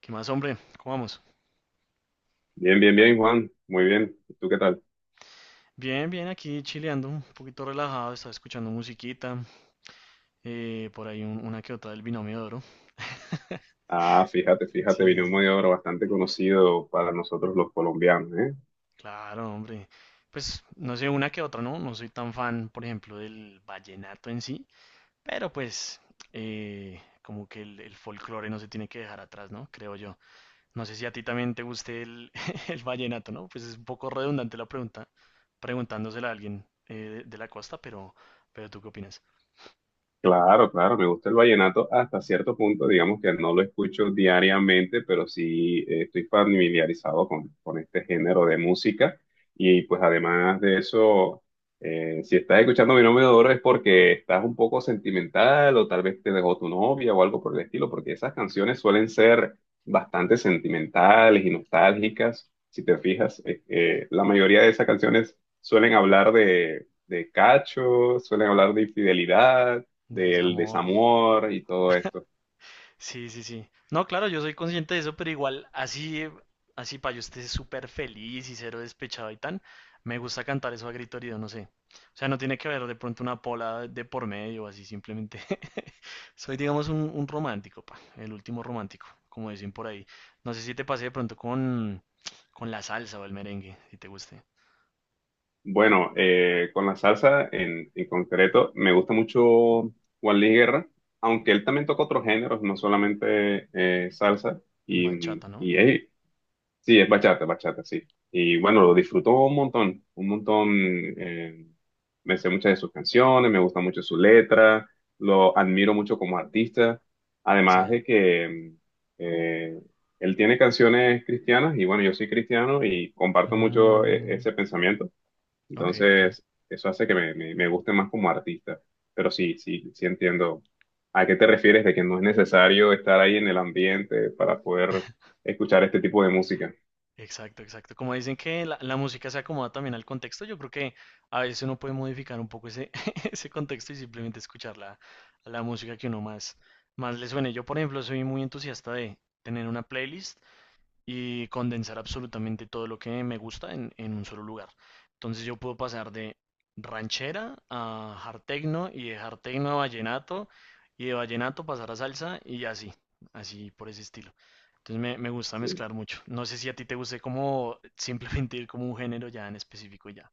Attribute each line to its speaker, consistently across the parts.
Speaker 1: ¿Qué más, hombre? ¿Cómo vamos?
Speaker 2: Bien, bien, bien, Juan. Muy bien. ¿Y tú qué tal?
Speaker 1: Bien, bien, aquí chileando, un poquito relajado, estaba escuchando musiquita, por ahí una que otra del Binomio de Oro.
Speaker 2: Ah, fíjate, fíjate, vino
Speaker 1: Sí,
Speaker 2: un
Speaker 1: sí.
Speaker 2: mediador bastante conocido para nosotros los colombianos, ¿eh?
Speaker 1: Claro, hombre. Pues no sé, una que otra, ¿no? No soy tan fan, por ejemplo, del vallenato en sí, pero pues como que el folclore no se tiene que dejar atrás, ¿no? Creo yo. No sé si a ti también te guste el, el vallenato, ¿no? Pues es un poco redundante la pregunta, preguntándosela a alguien de la costa, pero, ¿tú qué opinas?
Speaker 2: Claro, claro, me gusta el vallenato hasta cierto punto, digamos que no lo escucho diariamente, pero sí estoy familiarizado con este género de música y pues además de eso, si estás escuchando Mi Nombre de Oro es porque estás un poco sentimental o tal vez te dejó tu novia o algo por el estilo, porque esas canciones suelen ser bastante sentimentales y nostálgicas, si te fijas, la mayoría de esas canciones suelen hablar de cacho, suelen hablar de infidelidad,
Speaker 1: De
Speaker 2: del
Speaker 1: desamor.
Speaker 2: desamor y todo esto.
Speaker 1: Sí, sí, sí. No, claro, yo soy consciente de eso, pero igual así, así para yo esté súper feliz y cero despechado y tan, me gusta cantar eso a grito herido, no sé. O sea, no tiene que haber de pronto una pola de por medio, así simplemente. Soy, digamos, un romántico, pa, el último romántico, como dicen por ahí. No sé si te pasé de pronto con la salsa o el merengue, si te guste.
Speaker 2: Bueno, con la salsa en concreto, me gusta mucho Juan Luis Guerra, aunque él también toca otros géneros, no solamente salsa. Y,
Speaker 1: Bachata, ¿no?
Speaker 2: y, hey, sí, es bachata, bachata, sí. Y bueno, lo disfruto un montón, un montón. eh, Me sé muchas de sus canciones, me gusta mucho su letra, lo admiro mucho como artista.
Speaker 1: Sí.
Speaker 2: Además de que eh, él tiene canciones cristianas y bueno, yo soy cristiano y comparto mucho
Speaker 1: Mm,
Speaker 2: ese pensamiento.
Speaker 1: ok, ok.
Speaker 2: Entonces, eso hace que me guste más como artista. Pero sí, sí, sí entiendo a qué te refieres de que no es necesario estar ahí en el ambiente para poder escuchar este tipo de música.
Speaker 1: Exacto, exacto. Como dicen que la música se acomoda también al contexto, yo creo que a veces uno puede modificar un poco ese, ese contexto y simplemente escuchar la música que uno más le suene. Yo, por ejemplo, soy muy entusiasta de tener una playlist y condensar absolutamente todo lo que me gusta en un solo lugar. Entonces yo puedo pasar de ranchera a hard techno y de hard techno a vallenato y de vallenato pasar a salsa y así, así por ese estilo. Entonces me gusta
Speaker 2: Sí.
Speaker 1: mezclar mucho. No sé si a ti te guste como simplemente ir como un género ya en específico y ya,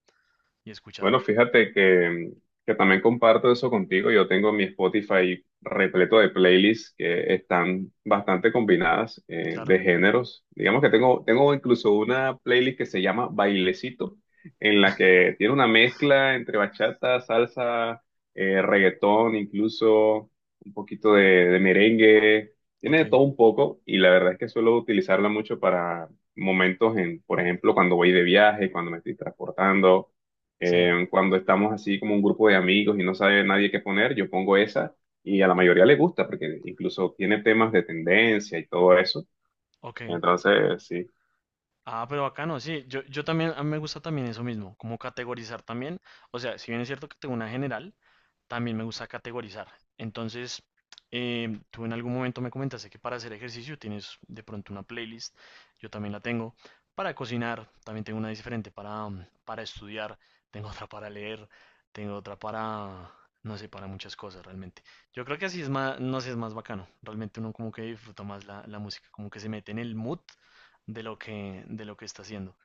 Speaker 1: y
Speaker 2: Bueno,
Speaker 1: escucharlo.
Speaker 2: que también comparto eso contigo. Yo tengo mi Spotify repleto de playlists que están bastante combinadas de
Speaker 1: Claro,
Speaker 2: géneros. Digamos que tengo incluso una playlist que se llama Bailecito, en la que tiene una mezcla entre bachata, salsa, reggaetón, incluso un poquito de merengue. Tiene
Speaker 1: ok,
Speaker 2: de todo un poco y la verdad es que suelo utilizarla mucho para momentos en, por ejemplo, cuando voy de viaje, cuando me estoy transportando.
Speaker 1: sí,
Speaker 2: Cuando estamos así como un grupo de amigos y no sabe nadie qué poner, yo pongo esa y a la mayoría le gusta porque incluso tiene temas de tendencia y todo eso.
Speaker 1: ok.
Speaker 2: Entonces, sí.
Speaker 1: Ah, pero bacano, sí. Yo también, a mí me gusta también eso mismo, como categorizar también. O sea, si bien es cierto que tengo una general, también me gusta categorizar. Entonces, tú en algún momento me comentaste que para hacer ejercicio tienes de pronto una playlist, yo también la tengo. Para cocinar, también tengo una diferente. Para, para estudiar, tengo otra para leer, tengo otra para, no sé, para muchas cosas realmente. Yo creo que así es más, no sé, es más bacano. Realmente uno como que disfruta más la música, como que se mete en el mood de lo que, está haciendo.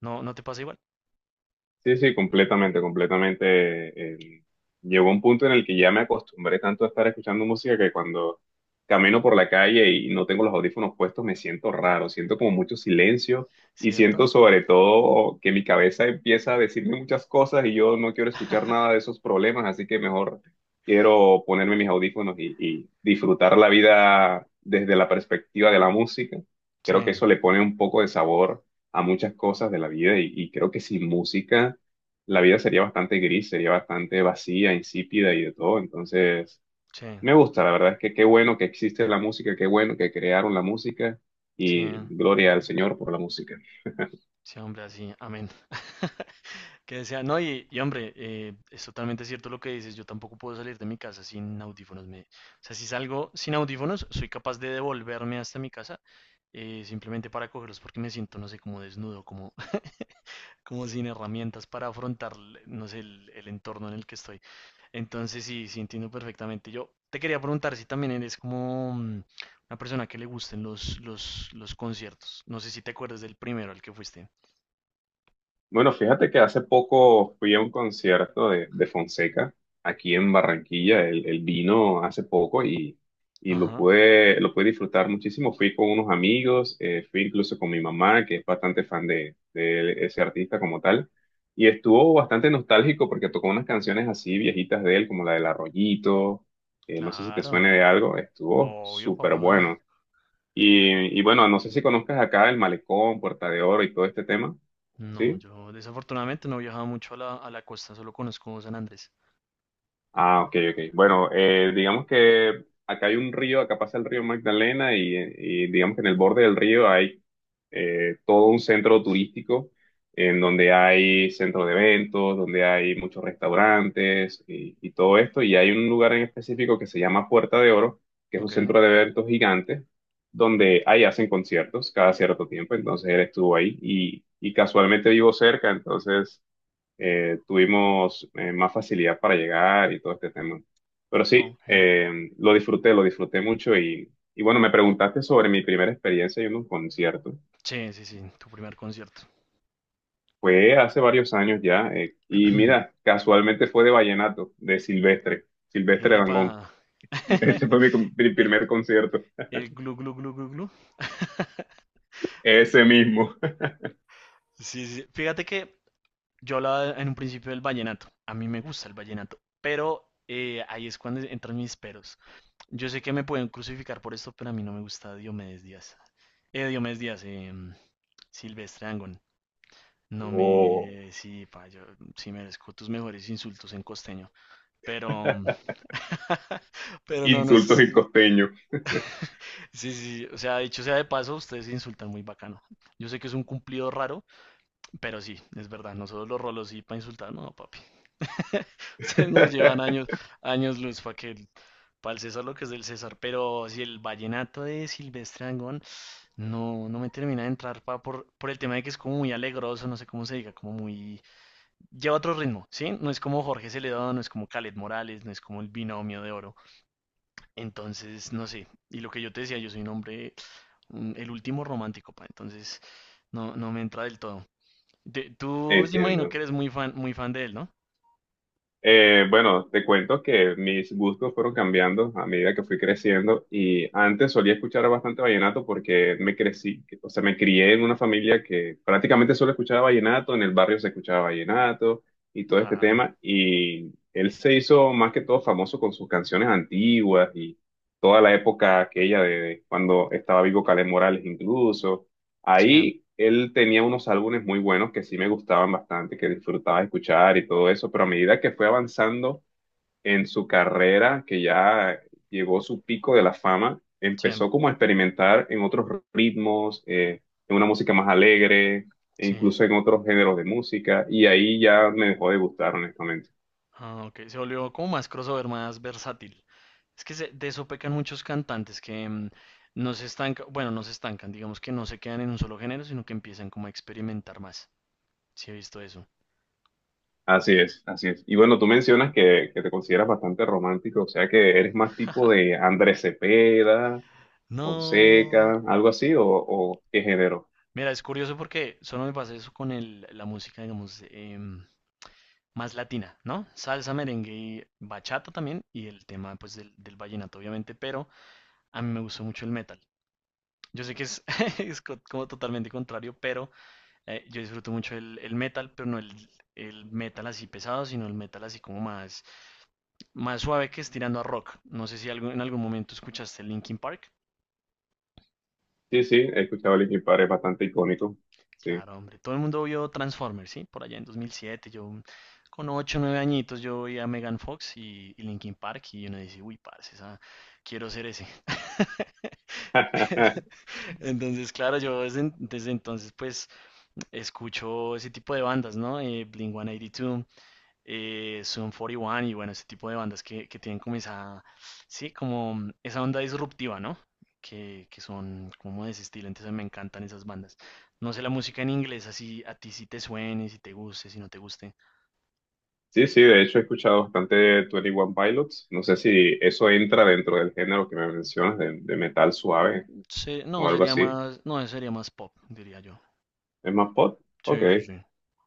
Speaker 1: ¿No, no te pasa igual?
Speaker 2: Sí, sí, completamente, completamente. Llegó un punto en el que ya me acostumbré tanto a estar escuchando música que cuando camino por la calle y no tengo los audífonos puestos me siento raro, siento como mucho silencio y
Speaker 1: ¿Cierto?
Speaker 2: siento sobre todo que mi cabeza empieza a decirme muchas cosas y yo no quiero escuchar nada de esos problemas, así que mejor quiero ponerme mis audífonos y disfrutar la vida desde la perspectiva de la música. Creo que
Speaker 1: Sí,
Speaker 2: eso le pone un poco de sabor a muchas cosas de la vida y creo que sin música la vida sería bastante gris, sería bastante vacía, insípida y de todo. Entonces,
Speaker 1: sí,
Speaker 2: me gusta, la verdad es que qué bueno que existe la música, qué bueno que crearon la música
Speaker 1: sí,
Speaker 2: y gloria al Señor por la música.
Speaker 1: sí, hombre, así, amén. Que sea, no, y hombre, es totalmente cierto lo que dices, yo tampoco puedo salir de mi casa sin audífonos. O sea, si salgo sin audífonos, soy capaz de devolverme hasta mi casa simplemente para cogerlos porque me siento, no sé, como desnudo, como, como sin herramientas para afrontar, no sé, el entorno en el que estoy. Entonces sí, sí entiendo perfectamente. Yo te quería preguntar si también eres como una persona que le gusten los conciertos. No sé si te acuerdas del primero al que fuiste.
Speaker 2: Bueno, fíjate que hace poco fui a un concierto de Fonseca aquí en Barranquilla. Él vino hace poco y
Speaker 1: Ajá,
Speaker 2: lo pude disfrutar muchísimo. Fui con unos amigos, fui incluso con mi mamá, que es bastante fan de ese artista como tal. Y estuvo bastante nostálgico porque tocó unas canciones así viejitas de él, como la del Arroyito. No sé si te
Speaker 1: claro.
Speaker 2: suene de algo. Estuvo
Speaker 1: Obvio,
Speaker 2: súper
Speaker 1: papá.
Speaker 2: bueno. Y bueno, no sé si conozcas acá el Malecón, Puerta de Oro y todo este tema.
Speaker 1: No,
Speaker 2: ¿Sí?
Speaker 1: yo desafortunadamente no he viajado mucho a la costa, solo conozco San Andrés.
Speaker 2: Ah, ok, ok. Bueno, digamos que acá hay un río, acá pasa el río Magdalena y digamos que en el borde del río hay todo un centro turístico en donde hay centro de eventos, donde hay muchos restaurantes y todo esto. Y hay un lugar en específico que se llama Puerta de Oro, que es un
Speaker 1: Ok,
Speaker 2: centro de eventos gigante, donde ahí hacen conciertos cada cierto tiempo. Entonces él estuvo ahí y casualmente vivo cerca, entonces tuvimos más facilidad para llegar y todo este tema. Pero sí,
Speaker 1: ok.
Speaker 2: lo disfruté mucho y bueno, me preguntaste sobre mi primera experiencia en un concierto.
Speaker 1: Sí, sí, sí, tu primer concierto.
Speaker 2: Fue hace varios años ya y mira, casualmente fue de vallenato, de Silvestre, Silvestre
Speaker 1: Epa.
Speaker 2: Dangond. Ese fue mi
Speaker 1: El,
Speaker 2: primer concierto,
Speaker 1: el glu glu glu glu glu.
Speaker 2: ese mismo.
Speaker 1: Sí, sí. Fíjate que yo hablaba en un principio del vallenato. A mí me gusta el vallenato, pero ahí es cuando entran mis peros. Yo sé que me pueden crucificar por esto, pero a mí no me gusta Diomedes Díaz. Diomedes Díaz, Silvestre Angón. No
Speaker 2: Oh,
Speaker 1: me... Sí, pa, yo sí merezco tus mejores insultos en costeño. Pero... Pero no, no
Speaker 2: insultos
Speaker 1: es...
Speaker 2: y costeños.
Speaker 1: Sí, sí, sí, o sea, dicho sea de paso, ustedes se insultan muy bacano. Yo sé que es un cumplido raro, pero sí, es verdad. Nosotros los rolos sí para insultar, no, papi. Ustedes nos llevan años, años luz para que para el César lo que es del César. Pero si el vallenato de Silvestre Dangond no, no me termina de entrar pa, por el tema de que es como muy alegroso, no sé cómo se diga, como muy... Lleva otro ritmo, ¿sí? No es como Jorge Celedón, no es como Khaled Morales, no es como el binomio de oro. Entonces, no sé. Y lo que yo te decía, yo soy un hombre, el último romántico, pa. Entonces, no, no me entra del todo. Tú, sí imagino
Speaker 2: Entiendo.
Speaker 1: que eres muy fan de él, ¿no?
Speaker 2: Bueno, te cuento que mis gustos fueron cambiando a medida que fui creciendo y antes solía escuchar bastante vallenato porque me crecí, o sea, me crié en una familia que prácticamente solo escuchaba vallenato, en el barrio se escuchaba vallenato y todo este
Speaker 1: Claro.
Speaker 2: tema y él se hizo más que todo famoso con sus canciones antiguas y toda la época aquella de cuando estaba vivo Caleb Morales incluso.
Speaker 1: Sí,
Speaker 2: Ahí él tenía unos álbumes muy buenos que sí me gustaban bastante, que disfrutaba escuchar y todo eso, pero a medida que fue avanzando en su carrera, que ya llegó su pico de la fama,
Speaker 1: sí.
Speaker 2: empezó como a experimentar en otros ritmos, en una música más alegre, e
Speaker 1: Sí,
Speaker 2: incluso en otros géneros de música, y ahí ya me dejó de gustar, honestamente.
Speaker 1: ah, ok, se volvió como más crossover, más versátil. Es que de eso pecan muchos cantantes que no se estancan, bueno, no se estancan, digamos que no se quedan en un solo género, sino que empiezan como a experimentar más. Sí, he visto eso.
Speaker 2: Así es, así es. Y bueno, tú mencionas que te consideras bastante romántico, o sea que eres más tipo de Andrés Cepeda
Speaker 1: No.
Speaker 2: Fonseca, algo así, o qué género.
Speaker 1: Mira, es curioso porque solo me pasa eso con la música, digamos, más latina, ¿no? Salsa, merengue y bachata también, y el tema, pues, del vallenato, obviamente, pero a mí me gustó mucho el metal. Yo sé que es, como totalmente contrario, pero yo disfruto mucho el metal, pero no el metal así pesado, sino el metal así como más suave que es tirando a rock. No sé si algo, en algún momento escuchaste Linkin Park.
Speaker 2: Sí, sí, he escuchado Linkin Park, es bastante icónico. Sí.
Speaker 1: Claro, hombre, todo el mundo vio Transformers, ¿sí? Por allá en 2007, yo con 8 o 9 añitos yo veía a Megan Fox y Linkin Park y uno dice, uy, parce, quiero ser ese. Entonces, claro, yo desde, entonces pues escucho ese tipo de bandas, ¿no? Blink-182, Sum 41 y uno y bueno, ese tipo de bandas que tienen como esa, sí, como esa onda disruptiva, ¿no? Que son como de ese estilo, entonces me encantan esas bandas. No sé la música en inglés, así a ti si te suene, si te guste, si no te guste.
Speaker 2: Sí, sí, de hecho he escuchado bastante twenty one Pilots. No sé si eso entra dentro del género que me mencionas, de metal suave
Speaker 1: Se-
Speaker 2: o
Speaker 1: no,
Speaker 2: algo
Speaker 1: sería
Speaker 2: así.
Speaker 1: más, no, sería más pop, diría yo.
Speaker 2: ¿Es más pop? Ok.
Speaker 1: Sí, sí, sí.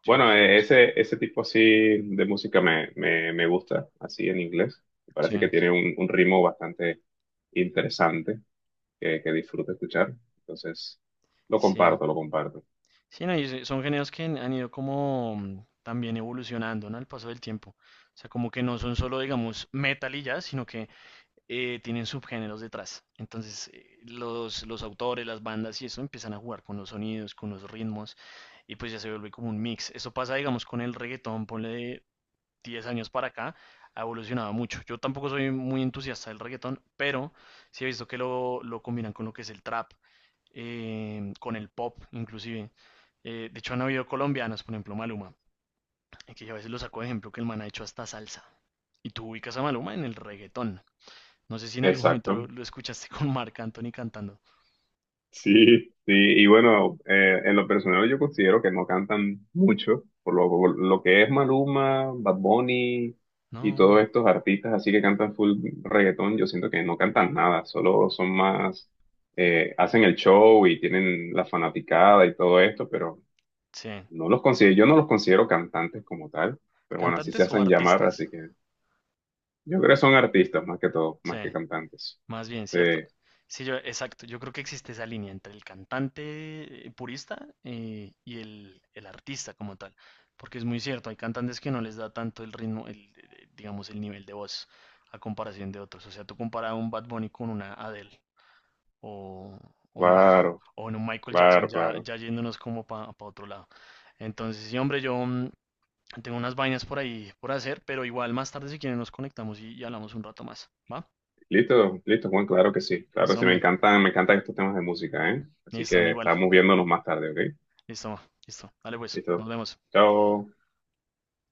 Speaker 1: Sí,
Speaker 2: Bueno,
Speaker 1: sí, sería más pop.
Speaker 2: ese tipo así de música me gusta, así en inglés. Me
Speaker 1: Sí,
Speaker 2: parece que tiene un ritmo bastante interesante que disfruto escuchar. Entonces, lo
Speaker 1: sí.
Speaker 2: comparto, lo comparto.
Speaker 1: Sí, no, y son géneros que han ido como también evolucionando, ¿no? Al paso del tiempo. O sea, como que no son solo, digamos, metal y ya, sino que tienen subgéneros detrás. Entonces, los autores, las bandas y eso empiezan a jugar con los sonidos, con los ritmos, y pues ya se vuelve como un mix. Eso pasa, digamos, con el reggaetón, ponle de 10 años para acá, ha evolucionado mucho. Yo tampoco soy muy entusiasta del reggaetón, pero sí he visto que lo combinan con lo que es el trap, con el pop, inclusive. De hecho, han habido colombianos, por ejemplo, Maluma, que yo a veces lo saco de ejemplo, que el man ha hecho hasta salsa. Y tú ubicas a Maluma en el reggaetón. No sé si en algún momento
Speaker 2: Exacto.
Speaker 1: lo escuchaste con Marc Anthony cantando.
Speaker 2: Sí, sí, y bueno, en lo personal yo considero que no cantan mucho, por lo que es Maluma, Bad Bunny y
Speaker 1: No,
Speaker 2: todos estos artistas así que cantan full reggaetón, yo siento que no cantan nada, solo son más, hacen el show y tienen la fanaticada y todo esto, pero
Speaker 1: sí.
Speaker 2: no los considero, yo no los considero cantantes como tal, pero bueno, así
Speaker 1: ¿Cantantes
Speaker 2: se
Speaker 1: o
Speaker 2: hacen llamar,
Speaker 1: artistas?
Speaker 2: así que yo creo que son artistas más que todo,
Speaker 1: Sí,
Speaker 2: más que cantantes.
Speaker 1: más bien,
Speaker 2: Sí,
Speaker 1: ¿cierto? Sí, yo, exacto. Yo creo que existe esa línea entre el cantante purista y el artista como tal. Porque es muy cierto, hay cantantes que no les da tanto el ritmo, digamos, el nivel de voz a comparación de otros. O sea, tú comparas a un Bad Bunny con una Adele o, o no,
Speaker 2: claro,
Speaker 1: o en un Michael Jackson,
Speaker 2: claro,
Speaker 1: ya,
Speaker 2: claro.
Speaker 1: ya yéndonos como para otro lado. Entonces, sí, hombre, yo, tengo unas vainas por ahí por hacer, pero igual más tarde si quieren nos conectamos y hablamos un rato más. ¿Va?
Speaker 2: Listo, listo, Juan, claro que sí. Claro,
Speaker 1: Listo,
Speaker 2: sí,
Speaker 1: hombre.
Speaker 2: me encantan estos temas de música, ¿eh? Así
Speaker 1: Listo, a mí
Speaker 2: que
Speaker 1: igual.
Speaker 2: estamos viéndonos más tarde, ¿ok?
Speaker 1: Listo, listo. Dale pues, nos
Speaker 2: Listo.
Speaker 1: vemos.
Speaker 2: Chao.